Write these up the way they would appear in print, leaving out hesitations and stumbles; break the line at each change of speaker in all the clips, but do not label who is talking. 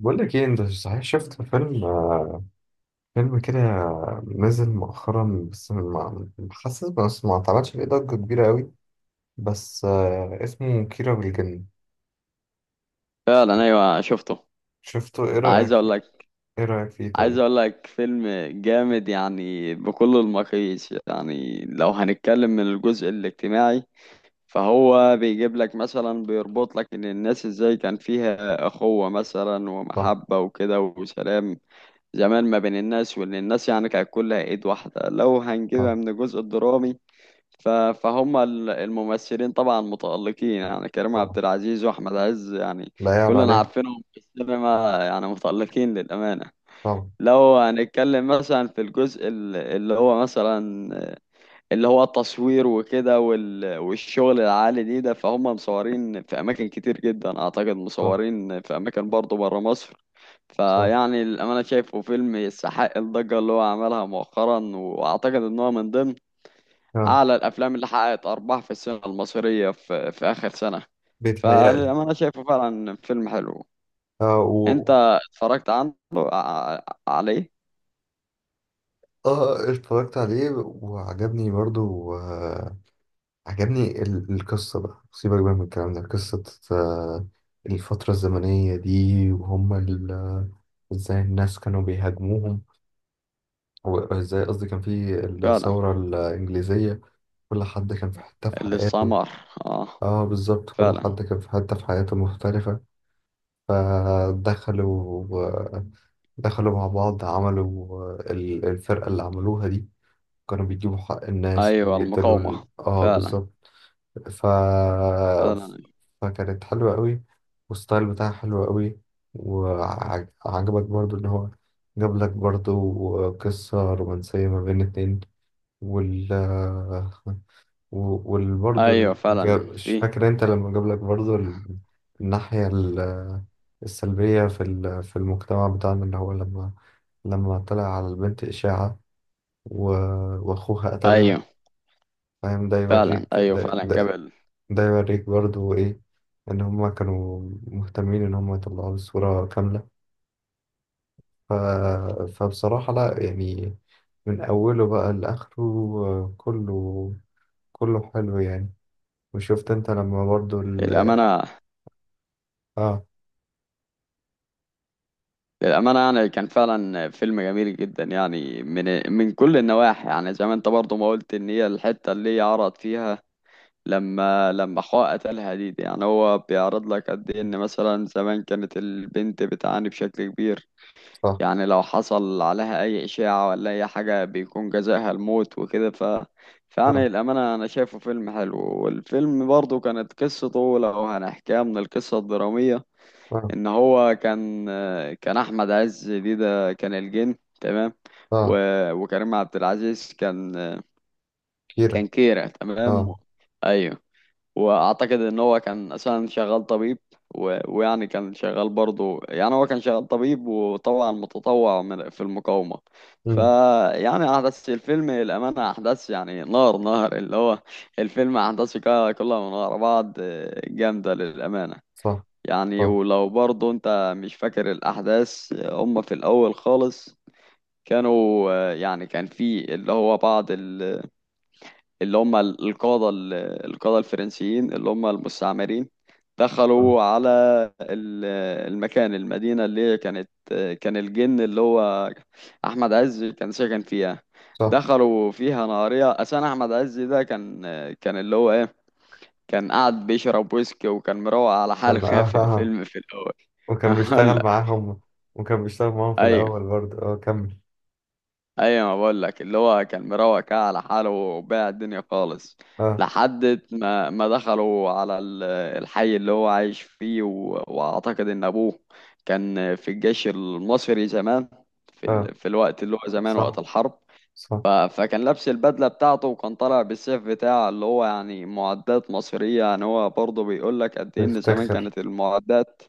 بقول لك ايه، انت صحيح شفت فيلم كده نزل مؤخرا، بس ما اتعملش عليه ضجة كبيرة قوي، بس اسمه كيرة والجن.
فعلا، ايوه شفته.
شفته، ايه
عايز
رأيك
اقول
فيه؟
لك
ايه رأيك فيه
عايز
طيب؟
اقول لك فيلم جامد يعني بكل المقاييس. يعني لو هنتكلم من الجزء الاجتماعي، فهو بيجيب لك مثلا، بيربط لك ان الناس ازاي كان فيها اخوة مثلا
صح،
ومحبة وكده وسلام زمان ما بين الناس، وان الناس يعني كانت كلها ايد واحدة. لو
صح.
هنجيبها من الجزء الدرامي، فهم الممثلين طبعا متألقين. يعني كريم
طبعا.
عبد العزيز واحمد عز يعني
لا يعلى
كلنا
عليه.
عارفينهم في السينما، يعني متألقين للأمانة.
طبعا.
لو هنتكلم مثلا في الجزء اللي هو التصوير وكده والشغل العالي دي ده، فهم مصورين في أماكن كتير جدا، أعتقد
صح،
مصورين في أماكن برضه برا مصر.
صح.
فيعني الأمانة شايفه فيلم يستحق الضجة اللي هو عملها مؤخرا، وأعتقد إن هو من ضمن
اه.
أعلى الأفلام اللي حققت أرباح في السينما المصرية في آخر سنة.
بيتهيألي.
فأنا شايفه فعلا فيلم حلو.
اه و...
أنت
و-
اتفرجت عنه عليه؟
اه، اتفرجت عليه وعجبني برضو. عجبني القصة بقى، سيبك بقى من الكلام ده، قصة. آه، الفترة الزمنية دي، وهم ازاي الناس كانوا بيهاجموهم، وازاي، قصدي، كان في
فعلا.
الثورة الإنجليزية. كل حد كان في حتة في حياته.
الاستعمار. آه.
اه بالظبط، كل
فعلا.
حد كان في حتة في حياته مختلفة. فدخلوا آه، دخلوا مع بعض، عملوا الفرقة اللي عملوها دي، كانوا بيجيبوا حق الناس
أيوة،
ويقتلوا
المقاومة.
اه
فعلا.
بالظبط. ف...
فعلا
فكانت حلوة قوي، والستايل بتاعها حلو قوي. وعجبك برضو ان هو جاب لك برضو قصة رومانسية ما بين اتنين، وال و- والبرضو
أيوة،
ال- جا-
فعلا
مش
في.
فاكر انت لما جاب لك برضو الناحية السلبية في المجتمع بتاعنا، اللي هو لما طلع على البنت إشاعة و- وأخوها قتلها،
أيوة
فاهم؟ ده
فعلا.
يوريك
أيوة
ده,
فعلا
ده
قبل.
ده يوريك برضو إيه؟ إن هما كانوا مهتمين إن هما يطلعوا الصورة كاملة. ف... فبصراحة لأ يعني، من أوله بقى لآخره، آه، كله كله حلو يعني. وشفت أنت لما برضو
الأمانة،
آه،
للأمانة يعني كان فعلا فيلم جميل جدا، يعني من كل النواحي. يعني زي ما أنت برضو ما قلت، إن هي الحتة اللي هي عرض فيها لما حقوق قتلها دي، يعني هو بيعرض لك قد ايه ان مثلا زمان كانت البنت بتعاني بشكل كبير.
صح.
يعني لو حصل عليها اي اشاعة ولا اي حاجة بيكون جزاها الموت وكده. ف
آه
فيعني الامانة انا شايفه فيلم حلو. والفيلم برضه كانت قصته، لو هنحكيها من القصة الدرامية،
آه
ان هو كان احمد عز دي ده كان الجن، تمام. و...
آه.
وكريم عبد العزيز
كيرة.
كان كيرة،
آه.
تمام. ايوه. واعتقد ان هو كان اساسا شغال طبيب. و... ويعني كان شغال برضه يعني هو كان شغال طبيب، وطبعا متطوع في المقاومة.
أمم.
فيعني احداث الفيلم الامانة احداث يعني نار اللي هو، الفيلم احداثه كلها من ورا بعض جامدة للامانة.
صح،
يعني
صح.
ولو برضه انت مش فاكر الاحداث، هم في الاول خالص كانوا يعني كان في اللي هو بعض القادة القادة الفرنسيين اللي هم المستعمرين،
آه.
دخلوا على ال- المكان، المدينة اللي هي كانت، كان الجن اللي هو أحمد عز كان ساكن فيها.
صح.
دخلوا فيها نهارية. أساسا أحمد عز ده كان اللي هو إيه، كان قاعد بيشرب ويسكي وكان مروق على حاله
كان
كده
آه آه
في
آه.
الفيلم في الأول.
وكان
هقول
بيشتغل
لك.
معاهم، وكان بيشتغل معاهم في
أيوه.
الأول برضو، آه، كمل.
ايوه، ما بقول لك اللي هو كان مروق كده على حاله وباع الدنيا خالص.
آه،
لحد ما دخلوا على الحي اللي هو عايش فيه. واعتقد ان ابوه كان في الجيش المصري زمان، في
آه.
في الوقت اللي هو زمان وقت
صح،
الحرب.
صح.
فكان لابس البدلة بتاعته وكان طالع بالسيف بتاعه، اللي هو يعني معدات مصرية. يعني هو برضه بيقول لك قد إيه إن زمان
بيفتخر.
كانت المعدات.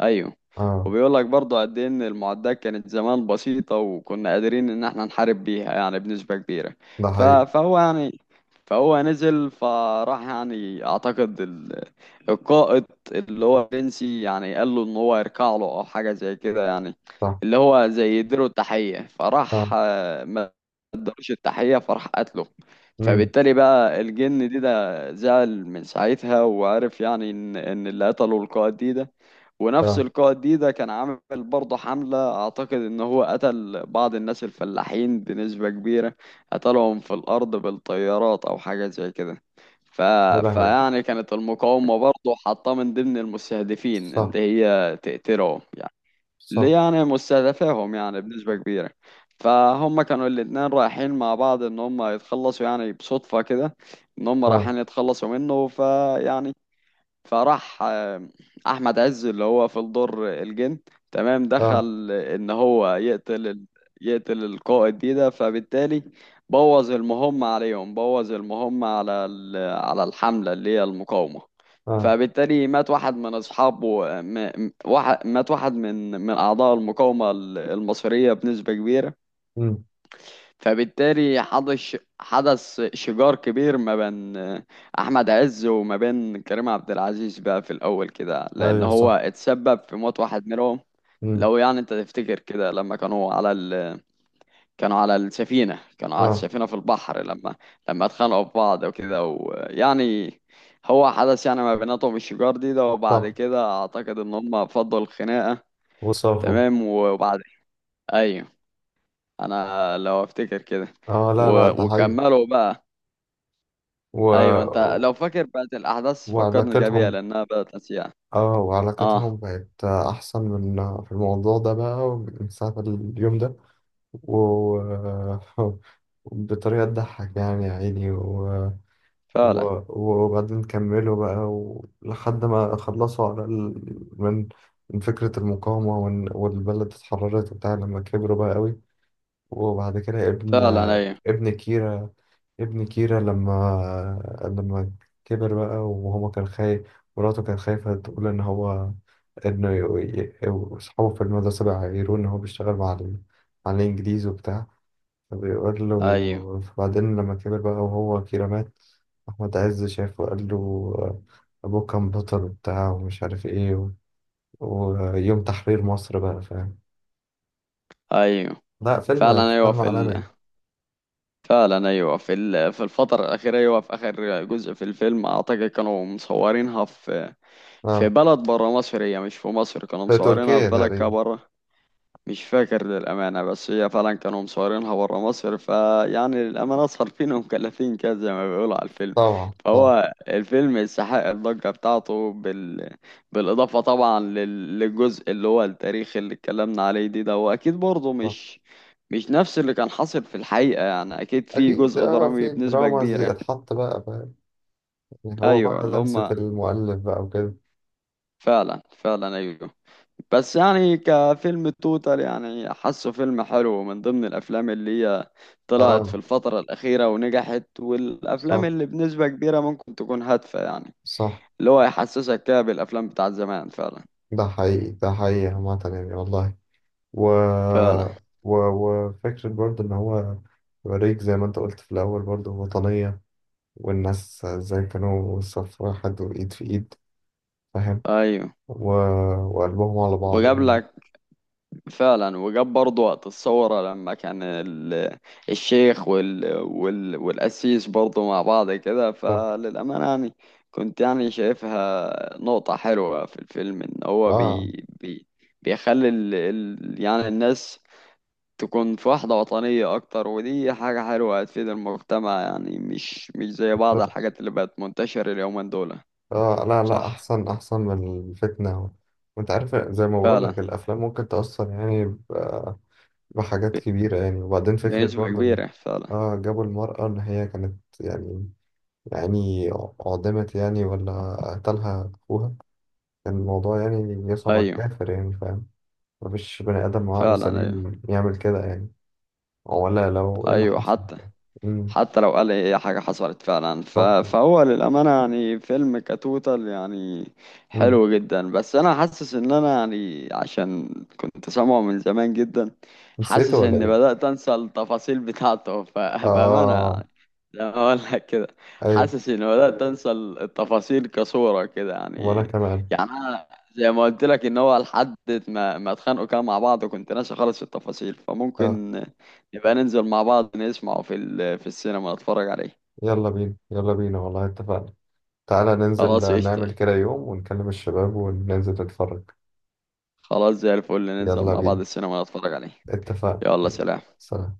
أيوه.
آه.
وبيقول لك برضه قد إيه إن المعدات كانت زمان بسيطة، وكنا قادرين إن إحنا نحارب بيها يعني بنسبة كبيرة.
ده
ف...
حقيقي.
فهو يعني فهو نزل، فراح يعني أعتقد القائد اللي هو بنسي يعني قال له إن هو يركع له أو حاجة زي كده، يعني
صح.
اللي هو زي يديله التحية. فراح
اه.
ادالوش التحية، فراح قتله.
امم.
فبالتالي بقى الجن دي ده زعل من ساعتها، وعرف يعني ان اللي قتله القائد دي ده. ونفس
اه.
القائد دي ده كان عامل برضه حملة، اعتقد ان هو قتل بعض الناس الفلاحين بنسبة كبيرة، قتلهم في الارض بالطيارات او حاجة زي كده. ف...
ولا هوي.
فيعني كانت المقاومة برضه حاطاه من ضمن المستهدفين ان
صح،
هي تقتلهم يعني. اللي
صح.
يعني مستهدفاهم يعني بنسبة كبيرة. فهم كانوا الاتنين رايحين مع بعض ان هم يتخلصوا، يعني بصدفة كده ان هم
اه،
رايحين يتخلصوا منه. فيعني فراح احمد عز اللي هو في الدور الجن، تمام،
اه،
دخل ان هو يقتل القائد دي ده. فبالتالي بوظ المهمة عليهم، بوظ المهمة على على الحملة اللي هي المقاومة.
اه.
فبالتالي مات واحد من اصحابه. آه، م- م- واحد مات واحد من اعضاء المقاومة المصرية بنسبة كبيرة.
امم،
فبالتالي حدث شجار كبير ما بين احمد عز وما بين كريم عبد العزيز بقى في الاول كده، لان
ايوه،
هو
صح.
اتسبب في موت واحد منهم.
امم.
لو يعني انت تفتكر كده لما كانوا على ال... كانوا على السفينة كانوا على
اه،
السفينة في البحر، لما اتخانقوا في بعض وكده. ويعني هو حدث يعني ما بيناتهم الشجار دي ده، وبعد
صح.
كده اعتقد ان هم فضوا الخناقة،
وصافوا.
تمام. وبعد، ايوه، انا لو افتكر كده.
اه، لا لا، ده حقيقي.
وكملوا بقى.
و...
ايوه انت لو فاكر بقت الاحداث فكرني كده بيها،
وعلاقتهم.
لانها بدات نسيها.
اه،
اه،
وعلاقتهم بقت احسن من، في الموضوع ده بقى، من ساعة اليوم ده. و... بطريقة تضحك يعني، يا عيني.
فعلا.
وبعدين كملوا بقى، لحد ما خلصوا من فكرة المقاومة، والبلد اتحررت وبتاع، لما كبروا بقى قوي. وبعد كده
فعلا ايوه.
ابن كيرا ابن كيرا لما كبر بقى وهو كان خايف، مراته كان خايفة تقول إن هو، إنه أصحابه في المدرسة بقى يعيروه إن هو بيشتغل مع مع الإنجليز وبتاع، بيقول
ايوه.
له. بعدين لما كبر بقى وهو كده مات، أحمد عز شافه وقال له أبوه كان بطل وبتاع، ومش عارف إيه، ويوم تحرير مصر بقى، فاهم؟
ايوه.
لا، فيلم
فعلا ايوه
فيلم
في
عالمي.
فعلا ايوه في في الفتره الاخيره، ايوه في اخر جزء في الفيلم، اعتقد كانوا مصورينها في
اه،
بلد بره مصر، هي مش في مصر، كانوا
في
مصورينها في
تركيا
بلد كده
تقريبا.
بره. مش فاكر للأمانة، بس هي فعلا كانوا مصورينها برا مصر. فيعني للأمانة صارفين ومكلفين كده زي ما بيقولوا على الفيلم.
طبعا، طبعا.
فهو الفيلم يستحق الضجة بتاعته بالإضافة طبعا للجزء اللي هو التاريخ اللي اتكلمنا عليه دي ده. وأكيد برضه
طبعا.
مش، مش نفس اللي كان حاصل في الحقيقة، يعني أكيد في
أكيد،
جزء
اه،
درامي
في
بنسبة
دراما زي
كبيرة.
اتحط بقى، فاهم؟ يعني هو بقى
أيوه اللي
لمسة
هما.
المؤلف بقى وكده.
فعلا. فعلا أيوه. بس يعني كفيلم توتال، يعني حاسه فيلم حلو من ضمن الافلام اللي هي طلعت في
اه.
الفترة الأخيرة ونجحت، والافلام
صح،
اللي بنسبة كبيرة ممكن تكون هادفة يعني،
صح.
اللي هو يحسسك كده بالافلام بتاعت زمان فعلا.
ده حقيقي، ده حقيقي عامة يعني، والله. و...
فعلا
وفكرة برضه إن هو يوريك، زي ما أنت قلت في الأول، برضه وطنية، والناس إزاي كانوا صف واحد وإيد في إيد، فاهم؟
ايوه.
و... وقلبهم على بعض
وجاب
يعني.
لك، فعلا وجاب برضه وقت الثورة لما كان الشيخ وال وال والقسيس برضه مع بعض كده.
ف...
فللأمانة يعني كنت يعني شايفها نقطة حلوة في الفيلم، إن هو
آه
بي بيخلي ال ال يعني الناس تكون في وحدة وطنية أكتر، ودي حاجة حلوة هتفيد المجتمع. يعني مش، مش زي بعض
بالظبط.
الحاجات اللي بقت منتشرة اليومين دول.
آه، لا لا،
صح.
أحسن، أحسن من الفتنة. وأنت عارف، زي ما
فعلا.
بقولك، الأفلام ممكن تأثر يعني بحاجات
ب-
كبيرة يعني. وبعدين فكرة
بنسبة
برضه إن،
كبيرة فعلا.
آه، جابوا المرأة إن هي كانت يعني، يعني أعدمت يعني، ولا قتلها أخوها، كان الموضوع يعني يصعب على
أيوه.
الكافر يعني، فاهم؟ مفيش بني آدم عقله
فعلا أيوه.
سليم يعمل كده يعني، ولا لو إيه اللي
أيوه.
حصل.
حتى،
امم.
حتى لو قال ايه حاجة حصلت فعلا.
صح.
فهو للأمانة يعني فيلم كتوتال، يعني
امم.
حلو جدا. بس أنا حاسس إن أنا يعني عشان كنت سامعه من زمان جدا،
نسيته
حاسس
ولا
إني
إيه؟
بدأت أنسى التفاصيل بتاعته. بأمانة
آه.
يعني، زي ما أقول لك كده،
أيوة.
حاسس إني بدأت أنسى التفاصيل كصورة كده
وأنا
يعني.
كمان.
يعني أنا زي ما قلت لك، إن هو لحد ما اتخانقوا كانوا مع بعض، وكنت ناسي خالص التفاصيل.
آه.
فممكن يبقى ننزل مع بعض نسمعه في في السينما نتفرج عليه.
يلا بينا، يلا بينا والله، اتفقنا. تعالى ننزل،
خلاص،
نعمل
قشطة.
كده يوم ونكلم الشباب وننزل نتفرج.
خلاص زي الفل، ننزل
يلا
مع بعض
بينا.
السينما نتفرج عليه.
اتفقنا.
يلا، سلام.
سلام.